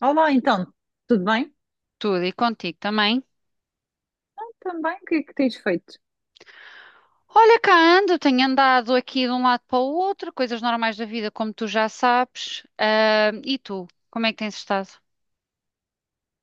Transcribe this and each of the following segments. Olá, então, tudo bem? Tudo e contigo também. Também, o que é que tens feito? Olha cá, tenho andado aqui de um lado para o outro, coisas normais da vida, como tu já sabes. E tu, como é que tens estado?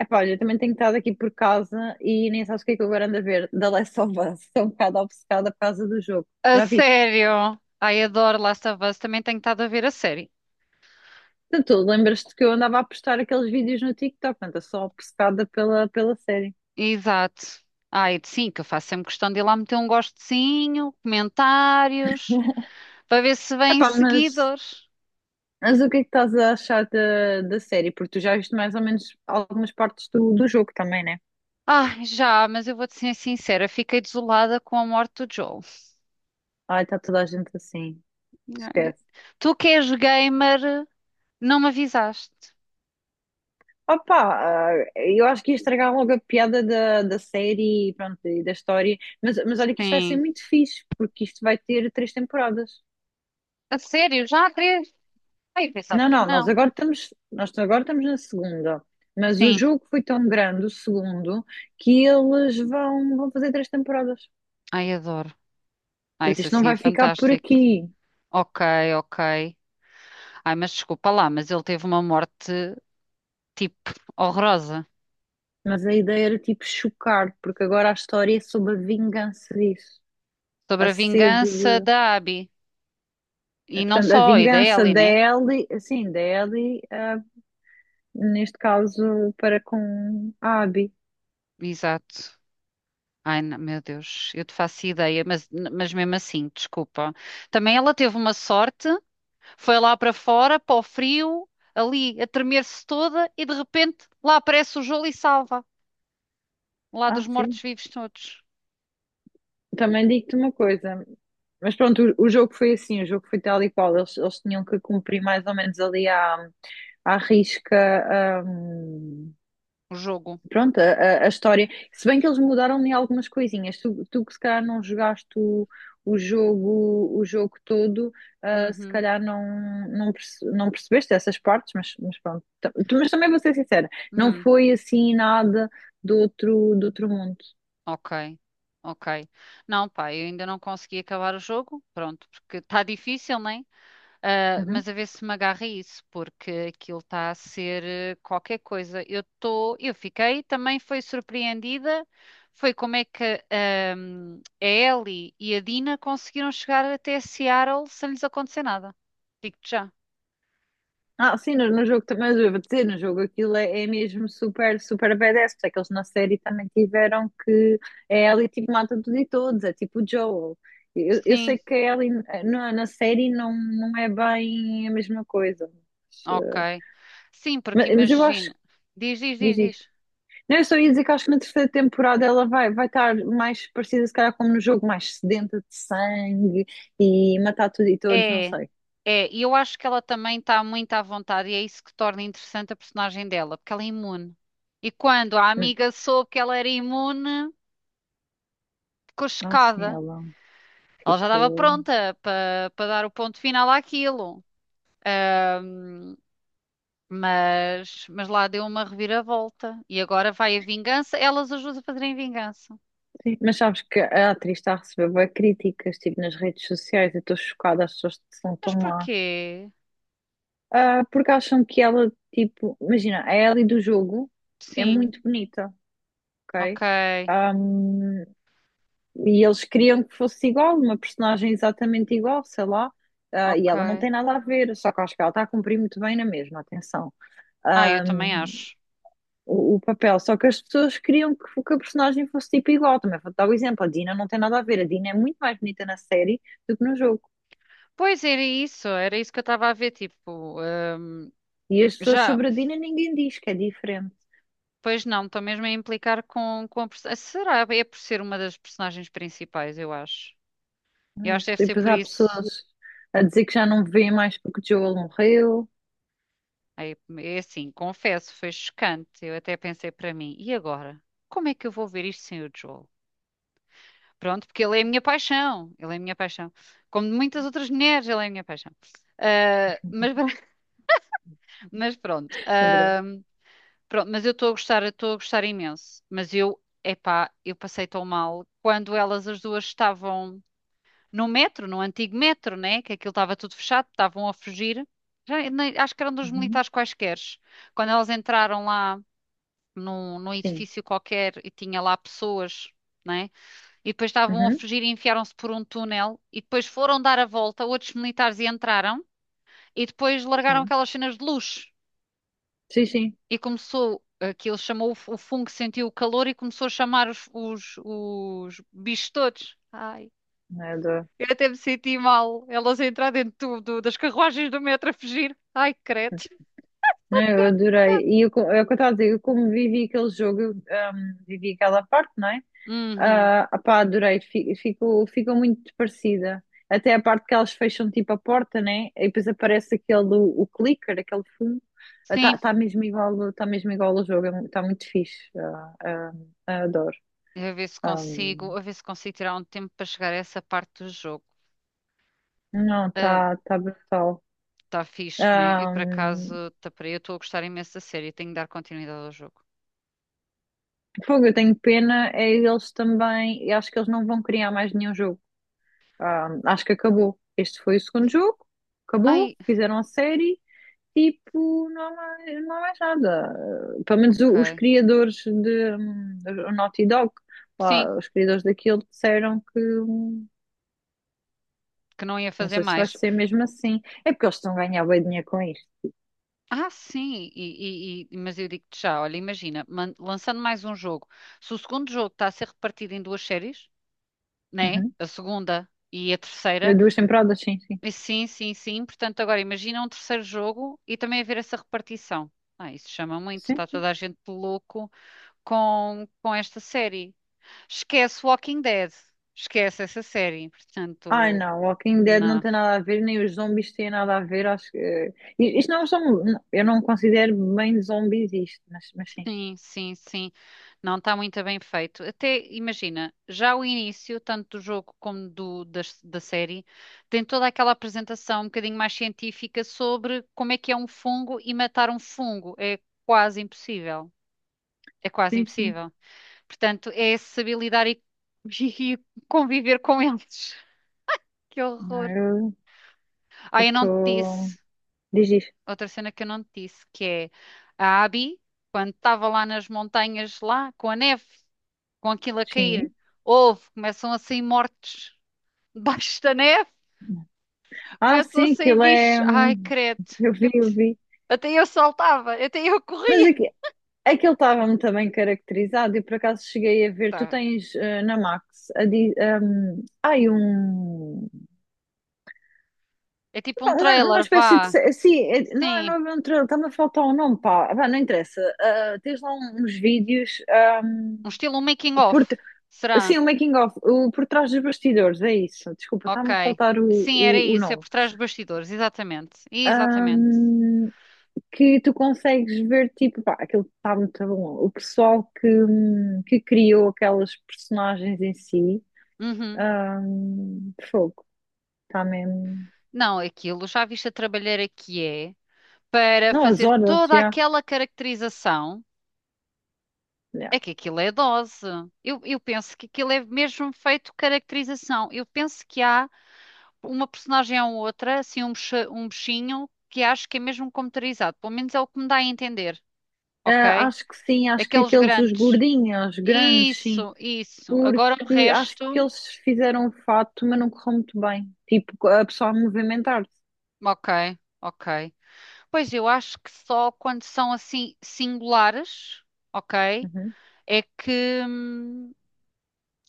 Epá, olha, eu também tenho estado aqui por casa e nem sabes o que é que eu agora ando a ver. The Last of Us, estou um bocado obcecada por causa do jogo, A já viste? sério? Ai, adoro Last of Us, também tenho estado a ver a série. Portanto, tu lembras-te que eu andava a postar aqueles vídeos no TikTok, portanto, eu sou obcecada pela série. Exato. Ai, sim, que eu faço sempre questão de ir lá meter um gostezinho, comentários, para ver se vêm Epá, seguidores. mas o que é que estás a achar da série? Porque tu já viste mais ou menos algumas partes do jogo também, né? Ai, já, mas eu vou-te ser sincera, fiquei desolada com a morte do Joel. Ai, está toda a gente assim, Ai, esquece. tu que és gamer, não me avisaste. Opa, eu acho que ia estragar logo a piada da série e pronto, e da história, mas olha que isto vai ser Sim. muito fixe, porque isto vai ter três temporadas. A sério, já há três? Ai, eu pensava Não, que não, nós não. agora estamos, nós agora estamos na segunda, mas o Sim, jogo foi tão grande, o segundo, que eles vão fazer três temporadas. ai, adoro. Ai, Portanto, isso isto não assim é vai ficar por fantástico. aqui, Ok, ok. Ai, mas desculpa lá, mas ele teve uma morte, tipo, horrorosa. mas a ideia era tipo chocar, porque agora a história é sobre a vingança disso, a Sobre a sede vingança de... da Abby. E não Portanto, a só, e da vingança Ellie, da né? Ellie, assim, da Ellie neste caso para com a Abi. Exato. Ai, não, meu Deus, eu te faço ideia, mas, mesmo assim, desculpa. Também ela teve uma sorte, foi lá para fora, para o frio, ali, a tremer-se toda, e de repente lá aparece o Joel e salva, lá Ah, dos sim. mortos-vivos todos. Também digo-te uma coisa, mas pronto, o jogo foi assim, o jogo foi tal e qual, eles tinham que cumprir mais ou menos ali à risca, hum, O jogo. pronto, a história. Se bem que eles mudaram em algumas coisinhas. Tu que se calhar não jogaste o jogo todo, ah, se Uhum. calhar não, não percebeste essas partes, mas pronto. Mas também vou ser sincera, não Hum. foi assim nada do outro, do outro mundo. Ok. Ok. Não, pá, eu ainda não consegui acabar o jogo. Pronto, porque está difícil, né? Ah, Uhum. mas a ver se me agarra isso, porque aquilo está a ser qualquer coisa. Eu estou, eu fiquei, também foi surpreendida. Foi como é que a Ellie e a Dina conseguiram chegar até Seattle sem lhes acontecer nada. Digo-te já. Ah, sim, no jogo também, mas eu vou dizer, no jogo aquilo é mesmo super, super badass, porque é que eles na série também tiveram que é a Ellie tipo mata tudo e todos, é tipo o Joel. Eu Sim, sei que a Ellie na na série não é bem a mesma coisa, mas, ok. Sim, porque mas eu acho imagina. que Diz, diz, diz diz, isto. diz. Não, eu só ia dizer que acho que na terceira temporada ela vai estar mais parecida, se calhar, como no jogo, mais sedenta de sangue e matar tudo e todos, não É, sei. é, e eu acho que ela também está muito à vontade e é isso que torna interessante a personagem dela, porque ela é imune. E quando a Mas, amiga soube que ela era imune, ficou nossa, chocada. ela Ela já estava ficou. pronta para dar o ponto final àquilo, mas, lá deu uma reviravolta e agora vai a vingança. Elas ajudam a fazerem vingança. Sim, mas sabes que a atriz está a receber bué críticas, tipo, nas redes sociais, eu estou chocada, as pessoas são Mas tão más. porquê? Ah, porque acham que ela, tipo, imagina, a Ellie do jogo é Sim, muito bonita, ok, ok? Ahm, e eles queriam que fosse igual, uma personagem exatamente igual, sei lá, ah, e ela não ok. tem nada a ver, só que acho que ela está a cumprir muito bem na mesma, atenção. Ah, eu também acho. O papel. Só que as pessoas queriam que a personagem fosse tipo igual. Também vou dar o exemplo: a Dina não tem nada a ver. A Dina é muito mais bonita na série do que no jogo. Pois era isso que eu estava a ver, tipo, E as pessoas já. sobre a Dina ninguém diz que é diferente. Pois não, estou mesmo a implicar com, a personagem. Será? É por ser uma das personagens principais, eu acho. Não Eu é acho que isso? deve E ser depois por há isso. pessoas a dizer que já não vê mais porque o Joel morreu. É, é assim, confesso, foi chocante. Eu até pensei para mim, e agora? Como é que eu vou ver isto sem o Joel? Pronto, porque ele é a minha paixão. Ele é a minha paixão. Como de muitas outras mulheres, ele é a minha paixão. Ah, mas, mas pronto. Adorei. Ah, pronto, mas eu estou a gostar, eu estou a gostar imenso. Mas eu, epá, eu passei tão mal quando elas as duas estavam. No metro, no antigo metro, né? Que aquilo estava tudo fechado, estavam a fugir. Já, acho que eram dos Uhum. militares quaisqueres. Quando elas entraram lá num Sim. edifício qualquer e tinha lá pessoas, né? E depois estavam a Uhum. fugir e enfiaram-se por um túnel e depois foram dar a volta, outros militares e entraram e depois largaram Sim. aquelas cenas de luz Sim, sim. e começou. Aquilo chamou o o fungo, sentiu o calor e começou a chamar os, bichos todos. Ai. Eu adoro. Eu até me senti mal. Elas a entrar dentro do, das carruagens do metro a fugir. Ai, credo. Não, eu adorei. É o que eu estava a dizer, eu como vivi aquele jogo, eu vivi aquela parte, não é? Uhum. Ah, pá, adorei, fico, ficou muito parecida. Até a parte que elas fecham tipo a porta, né? E depois aparece aquele o clicker, aquele fumo. Está tá Sim, tá mesmo igual ao jogo, está muito fixe. Adoro. a ver se Ah, consigo, a ver se consigo tirar um tempo para chegar a essa parte do jogo. não, está tá tá brutal. Está fixe, né? E Ah, por acaso, tá para aí, eu estou a gostar imenso da série, tenho de dar continuidade ao jogo. fogo, eu tenho pena, é eles também. Eu acho que eles não vão criar mais nenhum jogo. Ah, acho que acabou. Este foi o segundo jogo, acabou, Ai, fizeram a série. Tipo, não há mais, não há mais nada. Pelo menos os ok. criadores de o Naughty Dog, Sim, lá, os criadores daquilo disseram que que não ia não fazer sei se vai mais. ser mesmo assim. É porque eles estão a ganhar bem dinheiro com isto. Ah, sim, e- mas eu digo-te já, olha, imagina, lançando mais um jogo. Se o segundo jogo está a ser repartido em duas séries, né? Uhum. A segunda e a terceira. duas temporadas, sim, sim. E sim, sim, sim. Portanto, agora imagina um terceiro jogo e também haver essa repartição. Ah, isso chama muito, está Sim. toda a gente louco com, esta série. Esquece Walking Dead, esquece essa série. Ai Portanto, não, Walking Dead não não, tem nada a ver, nem os zombies têm nada a ver. Acho que. Isto não são. Eu não considero bem zombies isto, mas sim. sim, sim, sim. Não está muito bem feito. Até imagina, já o início, tanto do jogo como do, da série, tem toda aquela apresentação um bocadinho mais científica sobre como é que é um fungo e matar um fungo. É quase impossível. É quase Sim, sim. impossível. Portanto, é saber lidar e, e conviver com eles. Que Não, horror. Eu Ah, eu eu não te estou. disse. Diz isto. Outra cena que eu não te disse, que é a Abby, quando estava lá nas montanhas, lá, com a neve, com aquilo a cair, Sim. houve, começam a sair mortos debaixo da neve, Ah, começam a sim, sair aquilo bichos. é. Ai, credo. Eu Eu vi, eu te- vi. até eu saltava, até eu Mas corria. aqui, aquilo estava muito bem caracterizado e por acaso cheguei a ver. Tu Tá. tens na Max a di- ai, um, É tipo um uma trailer, espécie de. vá. se- Sim, não Sim. é um trailer, está-me a faltar o nome, pá. Vá, não interessa. Ah, tens lá uns vídeos. Um hum, estilo making of. por, t- Será? sim, o making of, o por trás dos bastidores, é isso. Desculpa, está-me a Ok. faltar Sim, era o isso, é nome. por trás dos bastidores, exatamente. Exatamente. Hum, que tu consegues ver, tipo, pá, aquilo está muito bom. O pessoal que criou aquelas personagens em si, Uhum. Fogo, está mesmo. Não, aquilo, já viste a trabalheira que é para Não, as fazer horas, toda já. aquela caracterização. Já. É que aquilo é dose. Eu, penso que aquilo é mesmo feito caracterização. Eu penso que há uma personagem ou outra, assim, um, um bichinho, que acho que é mesmo computarizado. Pelo menos é o que me dá a entender, Ah, ok? acho que sim, acho que Aqueles aqueles, os grandes. gordinhos, os grandes, sim, Isso, isso. Agora o porque acho que resto. eles fizeram o fato, mas não correu muito bem. Tipo, a pessoa a movimentar-se. Ok, ok. Pois eu acho que só quando são assim singulares, ok? Uhum, É que, hum,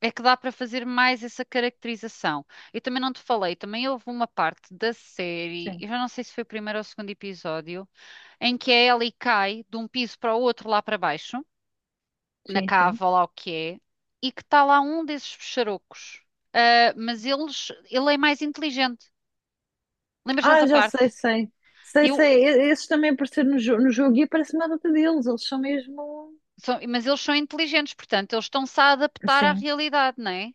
é que dá para fazer mais essa caracterização. Eu também não te falei, também houve uma parte da série, sim, eu já não sei se foi o primeiro ou o segundo episódio, em que a Ellie cai de um piso para o outro lá para baixo, na sim, sim. cava, ou lá o que é, e que está lá um desses pecharocos. Ah, mas eles, ele é mais inteligente. Lembras Ah, dessa já parte? sei, sei. Sei, Eu, sei, esses também apareceram no jogo e aparece uma data deles, eles são mesmo. Mas eles são inteligentes, portanto, eles estão-se a adaptar à Sim, realidade, não é?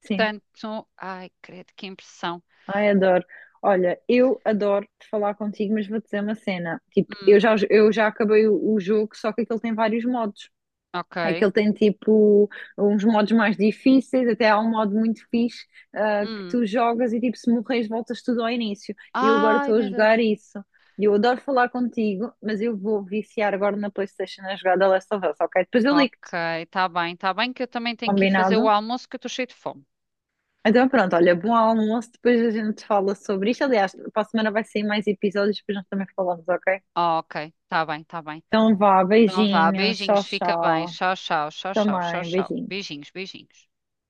sim. Portanto, ai, credo, que impressão. Ai, adoro. Olha, eu adoro falar contigo, mas vou te dizer uma cena. Tipo, Hum, eu já acabei o jogo, só que aquele tem vários modos. ok. Aquele tem tipo uns modos mais difíceis, até há um modo muito fixe, ah, que Hum. tu jogas e tipo, se morres, voltas tudo ao início. E eu agora Ai, estou a meu jogar Deus. isso. E eu adoro falar contigo, mas eu vou viciar agora na PlayStation a jogar The Last of Us, ok? Depois eu Ok, ligo-te, tá bem que eu também tenho que ir fazer o combinado? almoço que eu estou cheio de fome. Então pronto, olha, bom almoço, depois a gente fala sobre isto. Aliás, para a semana vai sair mais episódios, depois nós também falamos, ok? Ok, tá bem, tá bem. Então vá, Então vá, beijinhos, tchau, beijinhos, fica bem. tchau. Tchau, tchau, tchau, tchau, tchau, Também, tchau. beijinhos. Beijinhos, beijinhos.